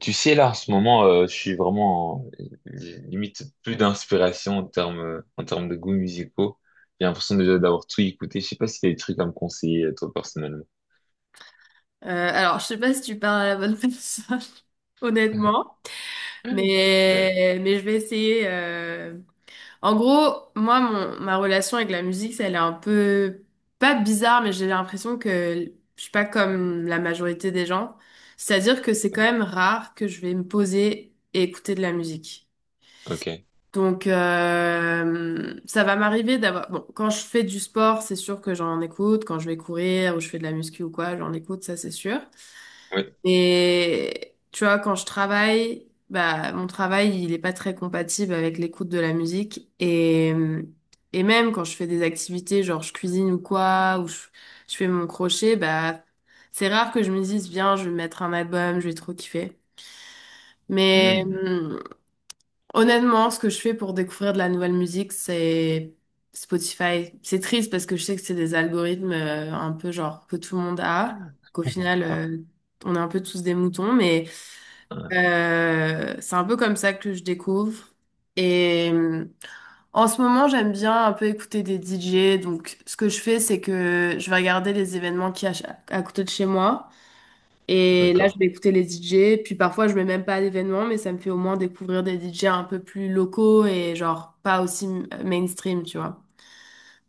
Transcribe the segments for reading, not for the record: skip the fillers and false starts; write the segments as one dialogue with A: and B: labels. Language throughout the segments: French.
A: Tu sais, là, en ce moment, je suis vraiment j'ai limite plus d'inspiration en termes de goûts musicaux. J'ai l'impression déjà d'avoir tout écouté. Je sais pas si t'as des trucs à me conseiller, toi, personnellement.
B: Alors, je sais pas si tu parles à la bonne personne, honnêtement,
A: Euh,
B: mais je vais essayer. En gros, moi, ma relation avec la musique, ça, elle est un peu, pas bizarre, mais j'ai l'impression que je suis pas comme la majorité des gens. C'est-à-dire que c'est
A: euh,
B: quand même rare que je vais me poser et écouter de la musique.
A: ok.
B: Donc, ça va m'arriver d'avoir... Bon, quand je fais du sport, c'est sûr que j'en écoute. Quand je vais courir ou je fais de la muscu ou quoi, j'en écoute, ça c'est sûr.
A: Oui.
B: Et tu vois, quand je travaille, bah, mon travail, il est pas très compatible avec l'écoute de la musique. Et même quand je fais des activités, genre je cuisine ou quoi, je fais mon crochet, bah, c'est rare que je me dise, viens, je vais mettre un album, je vais trop kiffer. Mais
A: Hmm.
B: honnêtement, ce que je fais pour découvrir de la nouvelle musique, c'est Spotify. C'est triste parce que je sais que c'est des algorithmes un peu genre que tout le monde a, qu'au final,
A: Ah,
B: on est un peu tous des moutons, mais...
A: ah,
B: C'est un peu comme ça que je découvre. Et en ce moment, j'aime bien un peu écouter des DJ. Donc, ce que je fais, c'est que je vais regarder les événements qu'il y a à côté de chez moi. Et là,
A: d'accord.
B: je vais écouter les DJ. Puis parfois, je vais même pas à l'événement, mais ça me fait au moins découvrir des DJ un peu plus locaux et genre pas aussi mainstream, tu vois.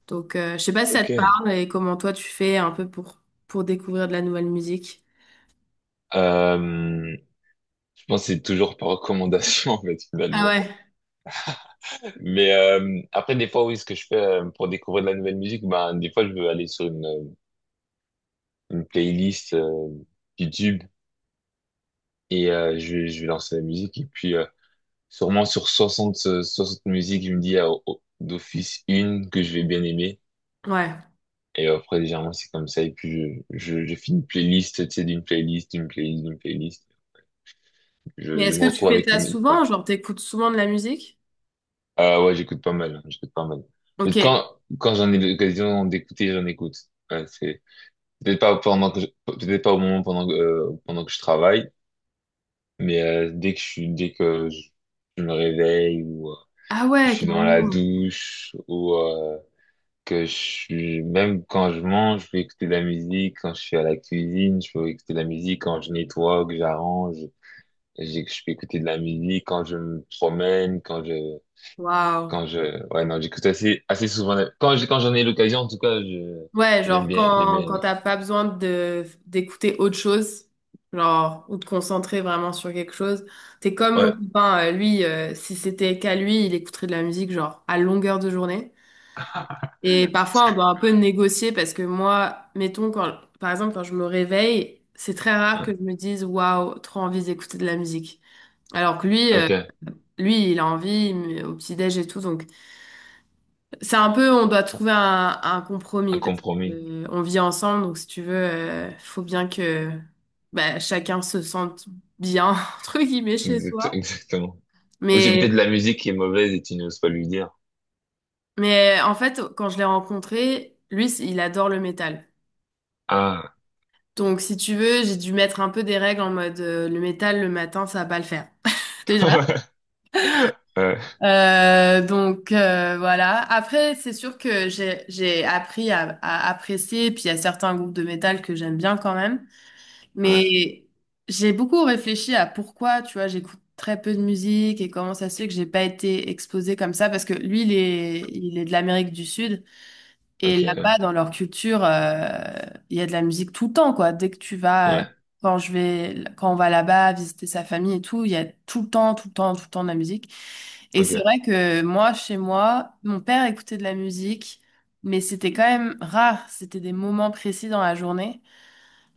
B: Donc, je sais pas si ça
A: Ok.
B: te parle et comment toi tu fais un peu pour découvrir de la nouvelle musique.
A: Je pense que c'est toujours par recommandation, en fait,
B: Ah
A: finalement.
B: ouais.
A: Mais après, des fois, oui, ce que je fais pour découvrir de la nouvelle musique, ben, des fois, je veux aller sur une playlist YouTube. Et je vais lancer la musique. Et puis, sûrement sur 60 60 musiques, je me dis ah, oh, oh, d'office une que je vais bien aimer.
B: Ouais.
A: Et après, légèrement, c'est comme ça. Et puis, je fais une playlist, tu sais, d'une playlist, d'une playlist, d'une playlist.
B: Mais
A: Je
B: est-ce
A: me
B: que tu
A: retrouve
B: fais
A: avec
B: ça
A: les musiques. Ouais,
B: souvent? Genre, t'écoutes souvent de la musique?
A: ah ouais, j'écoute pas mal. Hein, j'écoute pas mal. Mais
B: Ok.
A: quand j'en ai l'occasion d'écouter, j'en écoute. Ouais, c'est peut-être pas pendant que peut-être pas au moment pendant que je travaille, mais dès que je suis, dès que je me réveille ou
B: Ah
A: que je
B: ouais,
A: suis dans la
B: carrément.
A: douche ou que je suis même quand je mange, je peux écouter de la musique. Quand je suis à la cuisine, je peux écouter de la musique. Quand je nettoie, que j'arrange, je peux écouter de la musique. Quand je me promène,
B: Waouh.
A: quand je ouais non, j'écoute assez souvent. Quand j'en ai l'occasion, en tout cas, je
B: Ouais,
A: j'aime
B: genre
A: bien j'aime bien.
B: quand
A: Aimer.
B: t'as pas besoin de d'écouter autre chose, genre, ou de concentrer vraiment sur quelque chose, t'es comme mon
A: Ouais,
B: copain, lui, si c'était qu'à lui, il écouterait de la musique, genre, à longueur de journée. Et parfois, on doit un peu négocier parce que moi, mettons, quand, par exemple, quand je me réveille, c'est très rare que
A: ouais.
B: je me dise, waouh, trop envie d'écouter de la musique. Alors que lui,
A: Ok,
B: il a envie mais au petit-déj et tout, donc. C'est un peu, on doit trouver un
A: un
B: compromis parce que,
A: compromis.
B: on vit ensemble, donc si tu veux, faut bien que bah, chacun se sente bien, entre guillemets, chez soi.
A: Exactement. Ou c'est peut-être
B: Mais,
A: la musique qui est mauvaise et tu n'oses pas lui dire.
B: mais en fait, quand je l'ai rencontré, lui, il adore le métal.
A: Ah.
B: Donc si tu veux, j'ai dû mettre un peu des règles en mode le métal le matin, ça va pas le faire. Déjà.
A: Ouais.
B: Voilà. Après, c'est sûr que j'ai appris à apprécier, puis il y a certains groupes de métal que j'aime bien quand même.
A: Ouais.
B: Mais j'ai beaucoup réfléchi à pourquoi, tu vois, j'écoute très peu de musique et comment ça se fait que j'ai pas été exposée comme ça parce que lui, il est de l'Amérique du Sud et
A: Ok. Ouais.
B: là-bas, dans leur culture, il y a de la musique tout le temps, quoi. Dès que tu vas,
A: Ouais.
B: quand je vais, quand on va là-bas visiter sa famille et tout, il y a tout le temps, tout le temps, tout le temps de la musique. Et c'est
A: Ok,
B: vrai que moi, chez moi, mon père écoutait de la musique, mais c'était quand même rare. C'était des moments précis dans la journée.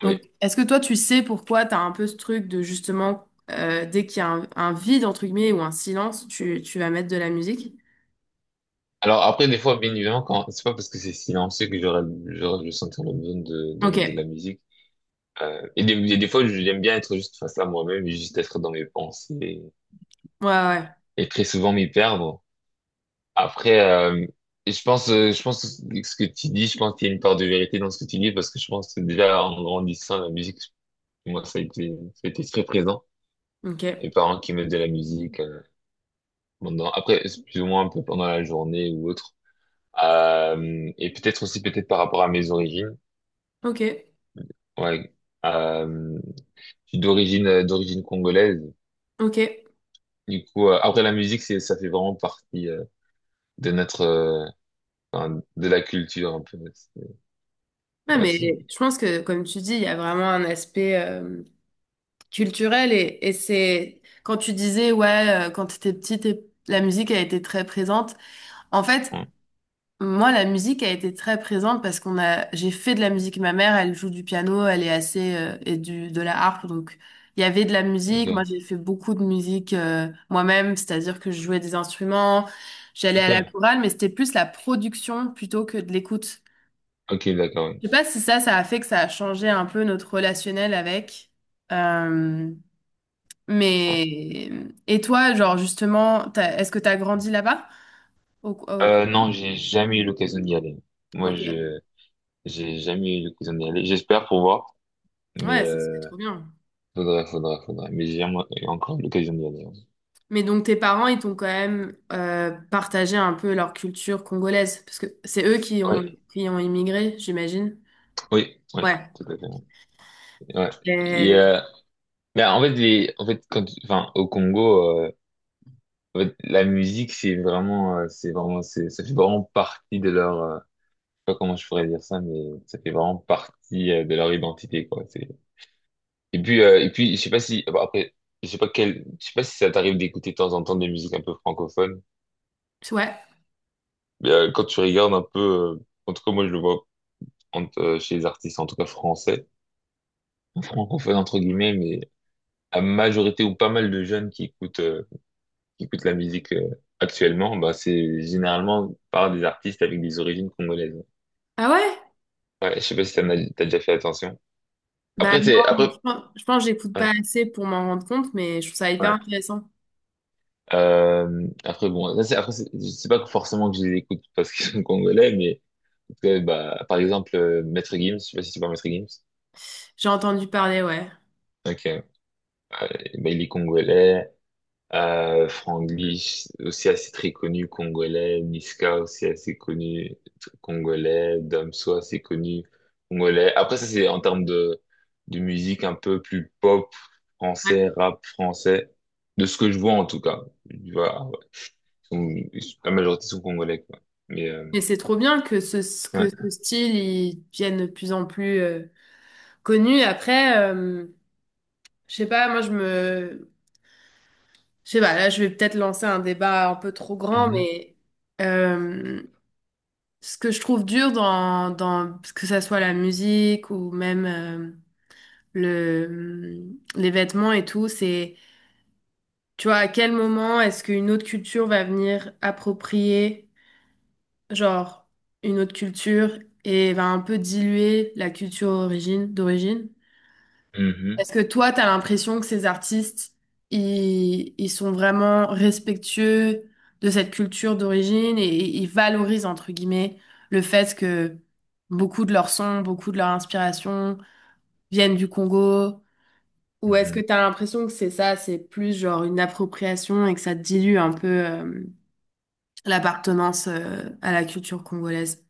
B: Donc,
A: oui.
B: est-ce que toi, tu sais pourquoi tu as un peu ce truc de justement, dès qu'il y a un vide, entre guillemets, ou un silence, tu vas mettre de la musique?
A: Alors après, des fois, bien évidemment, quand c'est pas parce que c'est silencieux que je sentir le besoin de
B: Ok,
A: mettre de la
B: ouais,
A: musique. Et des fois, j'aime bien être juste face à moi-même et juste être dans mes pensées
B: ouais, ouais.
A: et très souvent m'y perdre. Après, et je pense que ce que tu dis, je pense qu'il y a une part de vérité dans ce que tu dis parce que je pense que déjà en grandissant, la musique, moi, ça a été très présent.
B: Ok,
A: Mes parents qui mettent de la musique, pendant, après, c'est plus ou moins un peu pendant la journée ou autre. Et peut-être aussi peut-être par rapport à mes origines.
B: ok,
A: Ouais. Euh, je suis d'origine congolaise.
B: ok.
A: Du coup, après la musique, c'est ça fait vraiment partie de notre enfin, de la culture un peu. C'est...
B: Ouais,
A: Ouais, c'est...
B: mais je pense que, comme tu dis, il y a vraiment un aspect culturel et c'est quand tu disais, ouais, quand tu étais petite, la musique a été très présente. En fait,
A: Ouais,
B: moi, la musique a été très présente parce j'ai fait de la musique. Ma mère, elle joue du piano, elle est assez, et de la harpe. Donc, il y avait de la musique. Moi,
A: ok,
B: j'ai fait beaucoup de musique, moi-même. C'est-à-dire que je jouais des instruments, j'allais
A: ok,
B: à la chorale, mais c'était plus la production plutôt que de l'écoute.
A: ok, d'accord. Ouais.
B: Je sais pas si ça a fait que ça a changé un peu notre relationnel avec. Euh,
A: Ouais.
B: mais, et toi, genre, justement, est-ce que t'as grandi là-bas? Au- au-
A: Non, j'ai jamais eu l'occasion d'y aller. Moi,
B: ok.
A: je j'ai jamais eu l'occasion d'y aller. J'espère pour voir, mais
B: Ouais, ça, c'est trop bien.
A: faudrait. Mais j'ai jamais eu encore l'occasion d'y aller.
B: Mais donc tes parents, ils t'ont quand même partagé un peu leur culture congolaise, parce que c'est eux
A: Ouais,
B: qui ont immigré, j'imagine.
A: oui,
B: Ouais.
A: tout à fait. Ouais. Et,
B: Et-
A: mais en fait, en fait, quand, enfin, au Congo, en fait, la musique, c'est vraiment, c'est vraiment, c'est, ça fait vraiment partie de leur, je sais pas comment je pourrais dire ça, mais ça fait vraiment partie, de leur identité, quoi. C'est, et puis, je sais pas si, bon, après, je sais pas si ça t'arrive d'écouter de temps en temps des musiques un peu francophones,
B: Ouais.
A: mais, quand tu regardes un peu, en tout cas, moi, je le vois chez les artistes, en tout cas français, francophones, entre guillemets, mais la majorité ou pas mal de jeunes qui écoutent, la musique actuellement, bah, c'est généralement par des artistes avec des origines congolaises.
B: Ah ouais?
A: Ouais, je sais pas si t'en as, t'as déjà fait attention.
B: Bah
A: Après,
B: non,
A: c'est,
B: mais
A: après,
B: je pense que j'écoute pas
A: ouais,
B: assez pour m'en rendre compte, mais je trouve ça hyper
A: ouais.
B: intéressant.
A: Après, bon, là, c'est, après, c'est je sais pas forcément que je les écoute parce qu'ils sont congolais, mais, en tout cas, bah, par exemple, Maître Gims, je sais pas si tu vois Maître Gims.
B: J'ai entendu parler, ouais.
A: Ok, ouais, bah, il est congolais. Franglis, aussi assez très connu, congolais. Niska, aussi assez connu, congolais. Damso, assez connu, congolais. Après, ça, c'est en termes de musique un peu plus pop,
B: Ouais.
A: français, rap français. De ce que je vois, en tout cas. Tu vois, ah ouais. La majorité sont congolais, quoi. Mais,
B: Mais c'est trop bien que que
A: ouais.
B: ce style, il devienne de plus en plus connu. Après, je sais pas, moi je me... Je sais pas, là je vais peut-être lancer un débat un peu trop grand,
A: Mhm,
B: mais... euh, Ce que je trouve dur dans que ça soit la musique ou même le, mm, les vêtements et tout, c'est, tu vois, à quel moment est-ce qu'une autre culture va venir approprier, genre, une autre culture et va un peu diluer la culture origine, d'origine?
A: mhm,
B: Est-ce que toi, tu as l'impression que ces artistes, ils sont vraiment respectueux de cette culture d'origine et ils valorisent, entre guillemets, le fait que beaucoup de leurs sons, beaucoup de leur inspiration viennent du Congo? Ou est-ce que
A: mhm.
B: tu as l'impression que c'est ça, c'est plus genre une appropriation et que ça dilue un peu l'appartenance à la culture congolaise?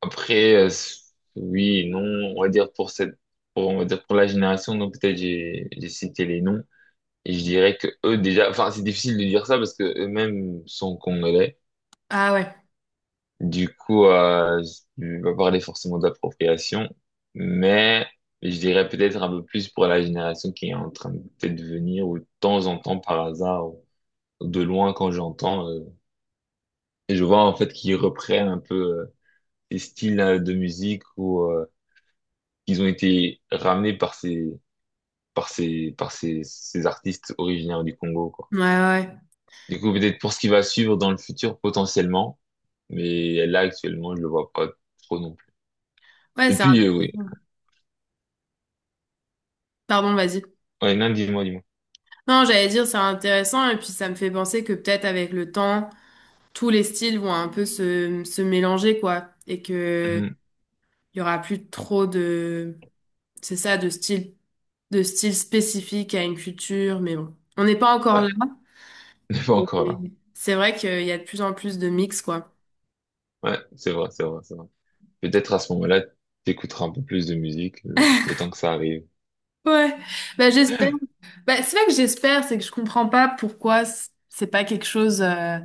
A: Après, oui, non, on va dire pour cette, pour, on va dire pour la génération, donc peut-être j'ai cité les noms. Et je dirais que eux déjà, enfin c'est difficile de dire ça parce que eux-mêmes sont congolais.
B: Ah ouais,
A: Du coup, je vais pas parler forcément d'appropriation, mais je dirais peut-être un peu plus pour la génération qui est en train de peut-être venir ou de temps en temps par hasard ou de loin quand j'entends, et je vois en fait qu'ils reprennent un peu les styles de musique ou qu'ils ont été ramenés par ces artistes originaires du Congo, quoi.
B: ouais, ouais. Ouais,
A: Du coup, peut-être pour ce qui va suivre dans le futur potentiellement, mais là actuellement, je le vois pas trop non plus.
B: ouais,
A: Et
B: c'est un...
A: puis oui,
B: Pardon, vas-y.
A: ouais, non, dis-moi, dis-moi.
B: Non, j'allais dire, c'est intéressant, et puis ça me fait penser que peut-être avec le temps, tous les styles vont un peu se mélanger, quoi, et que
A: Mhm.
B: il y aura plus trop de, c'est ça, de style spécifique à une culture, mais bon, on n'est pas encore
A: Ouais,
B: là,
A: n'est pas
B: mais
A: encore là.
B: c'est vrai qu'il y a de plus en plus de mix, quoi.
A: Ouais, c'est vrai, c'est vrai, c'est vrai. Peut-être à ce moment-là, t'écouteras un peu plus de musique le temps que ça arrive.
B: Ouais, bah j'espère. Bah, c'est vrai que j'espère, c'est que je comprends pas pourquoi c'est pas quelque chose,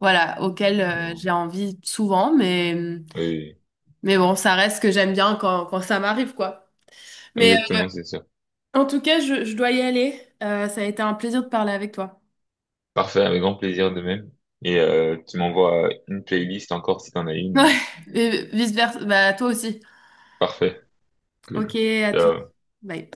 B: voilà, auquel j'ai
A: Non.
B: envie souvent, mais.
A: Oui,
B: Mais bon, ça reste que j'aime bien quand, quand ça m'arrive, quoi.
A: oui.
B: Mais
A: Exactement, c'est sûr.
B: en tout cas, je dois y aller. Ça a été un plaisir de parler avec toi.
A: Parfait, avec grand plaisir de même. Et tu m'envoies une playlist encore si t'en as une.
B: Ouais, et vice-versa. Bah, toi aussi.
A: Parfait,
B: Ok,
A: cool.
B: à toutes.
A: Ciao.
B: Bye.